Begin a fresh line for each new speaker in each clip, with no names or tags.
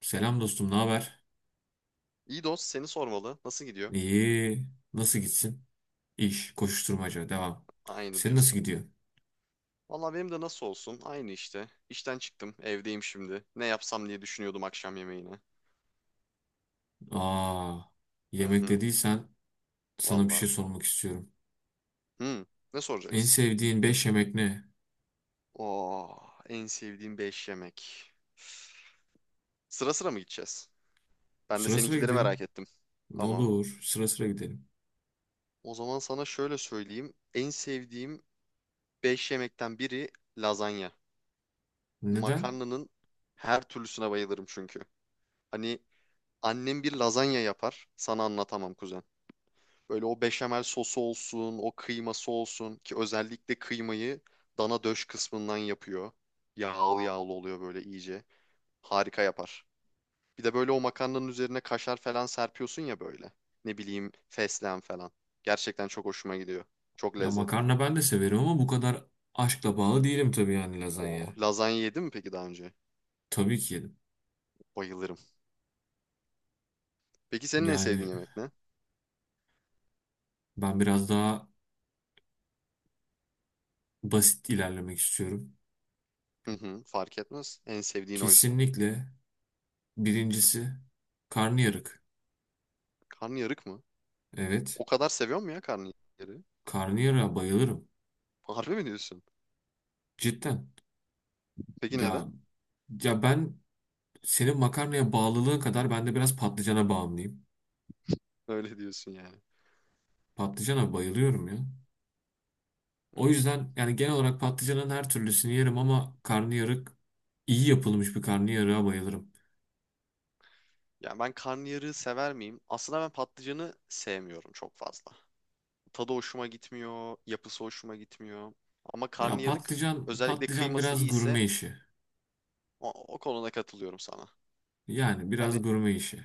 Selam dostum, ne haber?
İyi dost seni sormalı. Nasıl gidiyor?
İyi. Nasıl gitsin? İş, koşuşturmaca, devam.
Aynı
Senin nasıl
diyorsun.
gidiyor?
Valla benim de nasıl olsun? Aynı işte. İşten çıktım. Evdeyim şimdi. Ne yapsam diye düşünüyordum akşam yemeğine.
Aa,
Hı
yemek
hı.
dediysen sana bir şey
Valla.
sormak istiyorum.
Hı. Ne
En
soracaksın?
sevdiğin 5 yemek ne?
Oo, en sevdiğim 5 yemek. Sıra sıra mı gideceğiz? Ben de
Sıra sıra
seninkileri merak
gidelim.
ettim.
Ne
Tamam.
olur, sıra sıra gidelim.
O zaman sana şöyle söyleyeyim. En sevdiğim 5 yemekten biri lazanya.
Neden?
Makarnanın her türlüsüne bayılırım çünkü. Hani annem bir lazanya yapar. Sana anlatamam kuzen. Böyle o beşamel sosu olsun, o kıyması olsun ki özellikle kıymayı dana döş kısmından yapıyor. Yağlı yağlı oluyor böyle iyice. Harika yapar. Bir de böyle o makarnanın üzerine kaşar falan serpiyorsun ya böyle. Ne bileyim fesleğen falan. Gerçekten çok hoşuma gidiyor. Çok
Ya
lezzetli.
makarna ben de severim ama bu kadar aşkla bağlı değilim tabii yani
O
lazanya.
lazanya yedin mi peki daha önce?
Tabii ki yedim.
Bayılırım. Peki senin en sevdiğin
Yani
yemek ne?
ben biraz daha basit ilerlemek istiyorum.
Hı hı, fark etmez. En sevdiğin oysa.
Kesinlikle birincisi karnıyarık.
Karnıyarık mı?
Evet.
O kadar seviyor mu ya karnıyarığı?
Karnıyarığa bayılırım.
Harbi mi diyorsun?
Cidden.
Peki neden?
Ya ya ben senin makarnaya bağlılığın kadar ben de biraz patlıcana bağımlıyım.
Öyle diyorsun yani.
Patlıcana bayılıyorum ya.
Hmm.
O yüzden yani genel olarak patlıcanın her türlüsünü yerim ama karnıyarık iyi yapılmış bir karnıyarığa bayılırım.
Yani ben karnıyarığı sever miyim? Aslında ben patlıcanı sevmiyorum çok fazla. Tadı hoşuma gitmiyor, yapısı hoşuma gitmiyor. Ama
Ya
karnıyarık
patlıcan
özellikle
patlıcan
kıyması
biraz
iyiyse
gurme işi.
o, o konuda katılıyorum sana.
Yani biraz
Hani
gurme işi.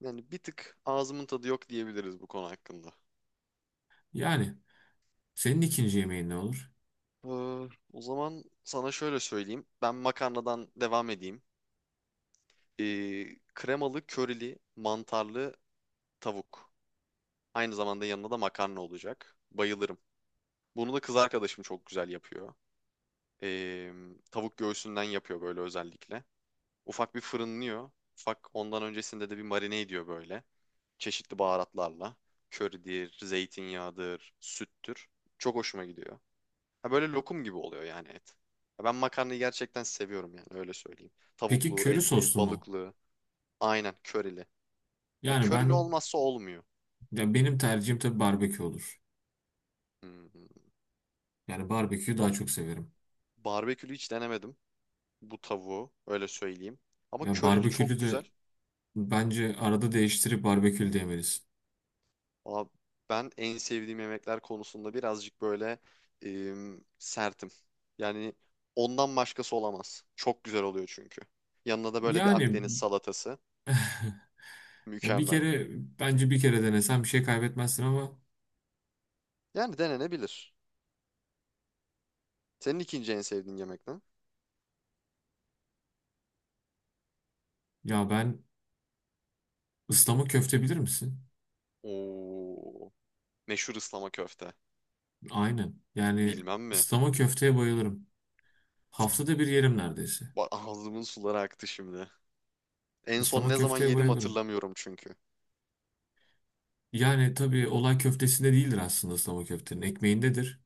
yani bir tık ağzımın tadı yok diyebiliriz bu konu hakkında.
Yani senin ikinci yemeğin ne olur?
Ee, O zaman sana şöyle söyleyeyim. Ben makarnadan devam edeyim. Kremalı, körili, mantarlı tavuk. Aynı zamanda yanında da makarna olacak. Bayılırım. Bunu da kız arkadaşım çok güzel yapıyor. Ee, Tavuk göğsünden yapıyor böyle özellikle. Ufak bir fırınlıyor. Ufak ondan öncesinde de bir marine ediyor böyle. Çeşitli baharatlarla. Köridir, zeytinyağıdır, süttür. Çok hoşuma gidiyor. Ha, böyle lokum gibi oluyor yani et. Ha, ben makarnayı gerçekten seviyorum yani öyle söyleyeyim.
Peki
Tavuklu,
köri
etli,
soslu mu?
balıklı. Aynen körili. Ya
Yani
körili
ben
olmazsa olmuyor.
ya benim tercihim tabii barbekü olur.
Hmm.
Yani barbeküyü
Ba-
daha çok severim.
Barbekülü hiç denemedim bu tavuğu, öyle söyleyeyim. Ama
Ya
körili çok
barbekülü
güzel.
de bence arada değiştirip barbekül demelisin.
Valla ben en sevdiğim yemekler konusunda birazcık böyle sertim. Yani ondan başkası olamaz. Çok güzel oluyor çünkü. Yanına da böyle bir
Yani
Akdeniz salatası.
ya bir
Mükemmel.
kere bence bir kere denesen bir şey kaybetmezsin ama
Yani denenebilir. Senin ikinci en sevdiğin yemek ne?
ya ben ıslama köfte bilir misin?
Oo, meşhur ıslama köfte.
Aynen. Yani
Bilmem mi?
ıslama köfteye bayılırım. Haftada bir yerim neredeyse.
Ağzımın suları aktı şimdi. En son
Islama
ne zaman
köfteye
yedim
bayılırım.
hatırlamıyorum çünkü.
Yani tabii olay köftesinde değildir aslında ıslama köftenin. Ekmeğindedir.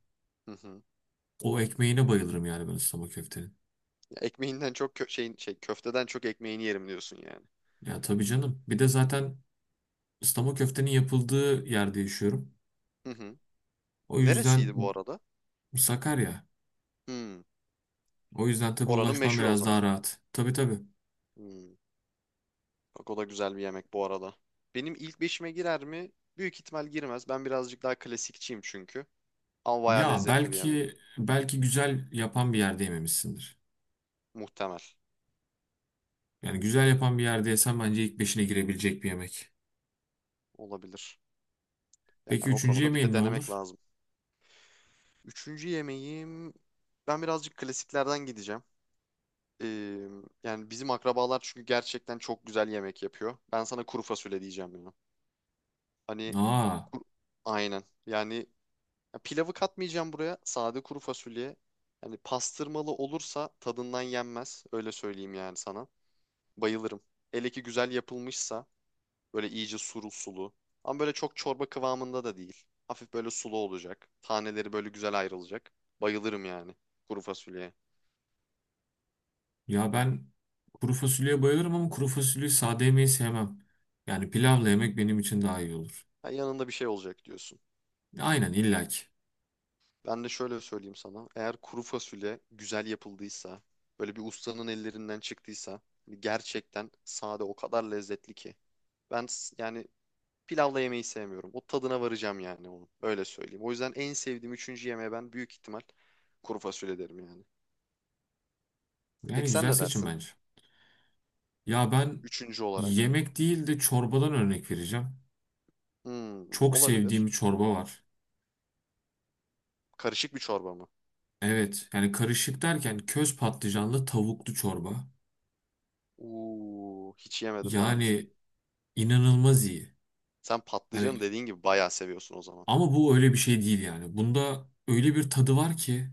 Hı hı.
O ekmeğine bayılırım yani ben ıslama köftenin.
Ya, ekmeğinden çok kö- şeyin şey köfteden çok ekmeğini yerim diyorsun yani.
Ya tabii canım. Bir de zaten ıslama köftenin yapıldığı yerde yaşıyorum.
Hı hı.
O yüzden
Neresiydi bu arada?
Sakarya.
Hmm.
O yüzden tabii
Oranın
ulaşmam
meşhur o
biraz
zaman.
daha rahat. Tabii tabii.
Hmm. Bak o da güzel bir yemek bu arada. Benim ilk beşime girer mi? Büyük ihtimal girmez. Ben birazcık daha klasikçiyim çünkü. Ama bayağı
Ya
lezzetli bir yemek.
belki güzel yapan bir yerde yememişsindir.
Muhtemel.
Yani güzel yapan bir yerde yesen bence ilk beşine girebilecek bir yemek.
Olabilir.
Peki
Yani o
üçüncü
konuda bir de
yemeğin ne
denemek
olur?
lazım. Üçüncü yemeğim... Ben birazcık klasiklerden gideceğim. Ee, Yani bizim akrabalar çünkü gerçekten çok güzel yemek yapıyor. Ben sana kuru fasulye diyeceğim ya. Hani
Aa,
kur- aynen. Yani ya pilavı katmayacağım buraya. Sade kuru fasulye. Hani pastırmalı olursa tadından yenmez. Öyle söyleyeyim yani sana. Bayılırım. Hele ki güzel yapılmışsa böyle iyice sulu sulu. Ama böyle çok çorba kıvamında da değil. Hafif böyle sulu olacak. Taneleri böyle güzel ayrılacak. Bayılırım yani kuru fasulyeye.
ya ben kuru fasulyeye bayılırım ama kuru fasulyeyi sade yemeyi sevmem. Yani pilavla yemek benim için daha iyi olur.
Ha, yanında bir şey olacak diyorsun.
Aynen illaki.
Ben de şöyle söyleyeyim sana. Eğer kuru fasulye güzel yapıldıysa, böyle bir ustanın ellerinden çıktıysa, hani gerçekten sade o kadar lezzetli ki. Ben yani pilavla yemeyi sevmiyorum. O tadına varacağım yani onu. Öyle söyleyeyim. O yüzden en sevdiğim üçüncü yemeğe ben büyük ihtimal kuru fasulye derim yani.
Yani
Peki sen
güzel
ne
seçim
dersin?
bence. Ya ben
Üçüncü olarak.
yemek değil de çorbadan örnek vereceğim.
Hmm,
Çok sevdiğim
olabilir.
bir çorba var.
Karışık bir çorba mı?
Evet yani karışık derken köz patlıcanlı tavuklu çorba.
Uuu, hiç yemedim daha önce.
Yani inanılmaz iyi.
Sen patlıcanı
Yani
dediğin gibi bayağı seviyorsun o zaman.
ama bu öyle bir şey değil yani. Bunda öyle bir tadı var ki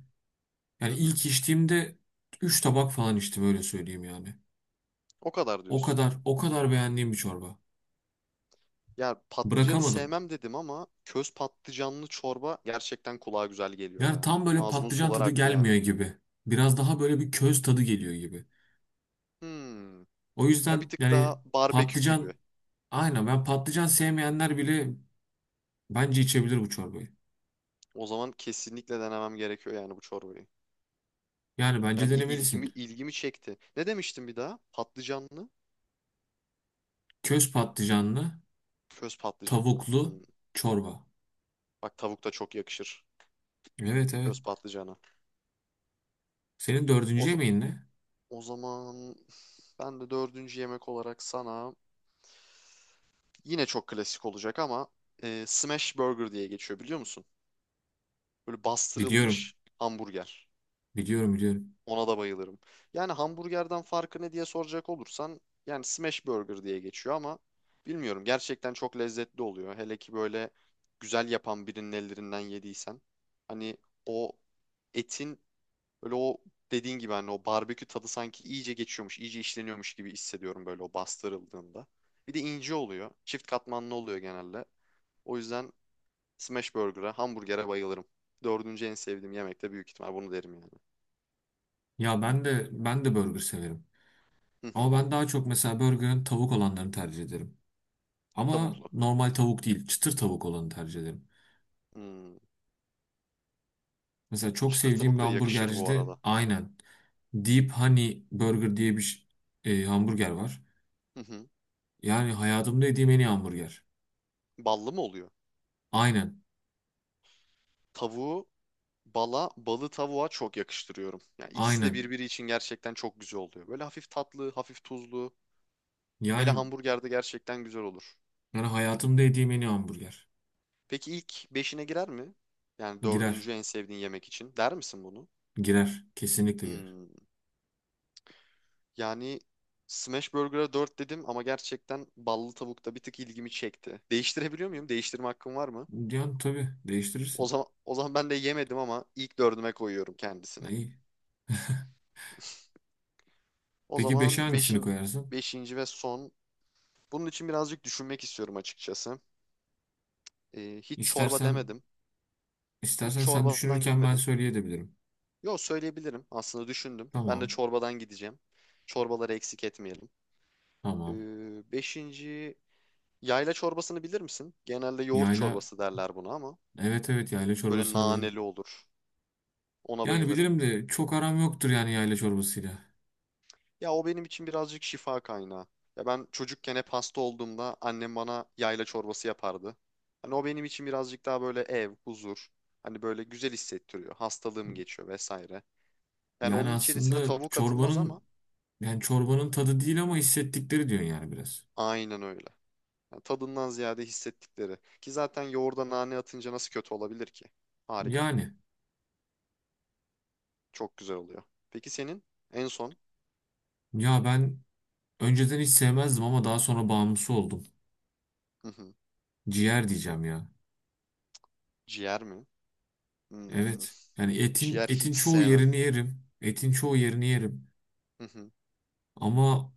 Hı
yani
hı.
ilk içtiğimde 3 tabak falan içtim öyle söyleyeyim yani.
O kadar
O
diyorsun.
kadar o kadar beğendiğim bir çorba.
Ya patlıcanı
Bırakamadım.
sevmem dedim ama köz patlıcanlı çorba gerçekten kulağa güzel geliyor
Yani
ya.
tam böyle
Ağzımın
patlıcan
suları
tadı
aktı yani.
gelmiyor gibi. Biraz daha böyle bir köz tadı geliyor gibi.
Hmm.
O
Ya bir
yüzden
tık daha
yani
barbekü
patlıcan
gibi.
aynen ben patlıcan sevmeyenler bile bence içebilir bu çorbayı.
O zaman kesinlikle denemem gerekiyor yani bu çorbayı.
Yani bence
Yani il- ilgimi
denemelisin.
ilgimi çekti. Ne demiştim bir daha? Patlıcanlı,
Köz patlıcanlı,
köz patlıcanlı.
tavuklu
Hmm.
çorba.
Bak tavuk da çok yakışır
Evet evet.
köz patlıcana.
Senin
O,
dördüncü
za-
yemeğin ne?
o zaman ben de dördüncü yemek olarak sana yine çok klasik olacak ama smash burger diye geçiyor, biliyor musun? Böyle
Biliyorum.
bastırılmış hamburger.
Biliyorum.
Ona da bayılırım. Yani hamburgerden farkı ne diye soracak olursan, yani smash burger diye geçiyor ama bilmiyorum, gerçekten çok lezzetli oluyor. Hele ki böyle güzel yapan birinin ellerinden yediysen, hani o etin böyle, o dediğin gibi hani o barbekü tadı sanki iyice geçiyormuş, iyice işleniyormuş gibi hissediyorum böyle o bastırıldığında. Bir de ince oluyor. Çift katmanlı oluyor genelde. O yüzden smash burger'a, hamburger'e bayılırım. Dördüncü en sevdiğim yemek de büyük ihtimal bunu derim yani.
Ya ben de burger severim.
Hı
Ama
hı.
ben daha çok mesela burgerin tavuk olanlarını tercih ederim. Ama
Tavuklu.
normal tavuk değil, çıtır tavuk olanı tercih ederim.
Hmm.
Mesela çok
Çıtır
sevdiğim
tavuk
bir
da yakışır bu
hamburgercide
arada.
aynen Deep Honey Burger diye bir ş- e, hamburger var.
Hı hı.
Yani hayatımda yediğim en iyi hamburger.
Ballı mı oluyor?
Aynen.
Tavuğu bala, balı tavuğa çok yakıştırıyorum. Yani ikisi de
Aynen.
birbiri için gerçekten çok güzel oluyor. Böyle hafif tatlı, hafif tuzlu. Hele
Yani
hamburgerde gerçekten güzel olur.
yani hayatımda yediğim en iyi hamburger.
Peki ilk beşine girer mi? Yani
Girer.
dördüncü en sevdiğin yemek için. Der misin bunu?
Girer. Kesinlikle girer.
Hmm. Yani Smash Burger'a 4 dedim ama gerçekten ballı tavukta bir tık ilgimi çekti. Değiştirebiliyor muyum? Değiştirme hakkım var mı?
Yani tabii
O
değiştirirsin.
zaman, o zaman ben de yemedim ama ilk dördüme koyuyorum kendisini.
İyi.
O
Peki
zaman
5'e hangisini koyarsın?
beşinci ve son. Bunun için birazcık düşünmek istiyorum açıkçası. Hiç çorba
İstersen
demedim. Hiç
istersen sen
çorbadan
düşünürken ben
gitmedim.
söyleyebilirim.
Yo, söyleyebilirim. Aslında düşündüm. Ben de
Tamam.
çorbadan gideceğim. Çorbaları eksik etmeyelim.
Tamam.
Beşinci, yayla çorbasını bilir misin? Genelde yoğurt
Yayla
çorbası derler buna ama
evet evet yayla
böyle
çorbasını bilirim.
naneli olur. Ona
Yani
bayılırım.
bilirim de çok aram yoktur yani yayla çorbasıyla.
Ya o benim için birazcık şifa kaynağı. Ya ben çocukken hep hasta olduğumda annem bana yayla çorbası yapardı. Hani o benim için birazcık daha böyle ev, huzur. Hani böyle güzel hissettiriyor. Hastalığım geçiyor vesaire. Yani
Yani
onun içerisine
aslında
tavuk atılmaz ama
çorbanın yani çorbanın tadı değil ama hissettikleri diyorsun yani biraz.
aynen öyle. Yani tadından ziyade hissettikleri. Ki zaten yoğurda nane atınca nasıl kötü olabilir ki? Harika.
Yani
Çok güzel oluyor. Peki senin en son?
ya ben önceden hiç sevmezdim ama daha sonra bağımlısı oldum.
Hı hı.
Ciğer diyeceğim ya.
Ciğer mi? Hmm,
Evet. Yani etin
ciğer
etin
hiç
çoğu
sevmem.
yerini yerim. Etin çoğu yerini yerim. Ama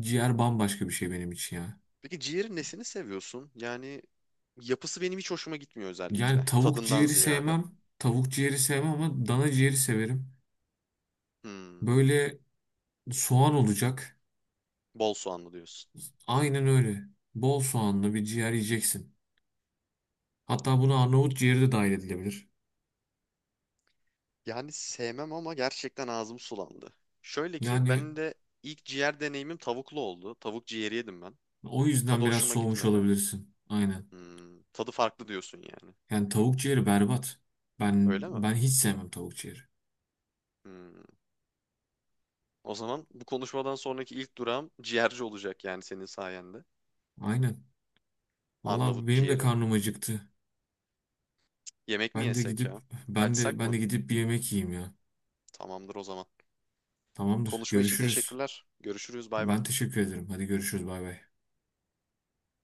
ciğer bambaşka bir şey benim için ya.
Peki ciğerin nesini seviyorsun? Yani yapısı benim hiç hoşuma gitmiyor
Yani
özellikle.
tavuk
Tadından
ciğeri
ziyade.
sevmem. Tavuk ciğeri sevmem ama dana ciğeri severim.
Hmm,
Böyle soğan olacak.
bol soğanlı diyorsun.
Aynen öyle. Bol soğanlı bir ciğer yiyeceksin. Hatta buna Arnavut ciğeri de dahil edilebilir.
Yani sevmem ama gerçekten ağzım sulandı. Şöyle ki
Yani
benim de ilk ciğer deneyimim tavuklu oldu. Tavuk ciğeri yedim ben.
o yüzden
Tadı
biraz
hoşuma
soğumuş
gitmedi.
olabilirsin. Aynen.
Hmm, tadı farklı diyorsun yani.
Yani tavuk ciğeri berbat. Ben
Öyle mi?
ben hiç sevmem tavuk ciğeri.
Hmm. O zaman bu konuşmadan sonraki ilk durağım ciğerci olacak yani senin sayende.
Aynen.
Arnavut
Vallahi benim de
ciğeri.
karnım acıktı.
Yemek mi
Ben de
yesek
gidip
ya?
ben de
Kaçsak
ben
mı?
de gidip bir yemek yiyeyim ya.
Tamamdır o zaman.
Tamamdır.
Konuşma için
Görüşürüz.
teşekkürler. Görüşürüz. Bay bay.
Ben teşekkür ederim. Hadi görüşürüz. Bay bay.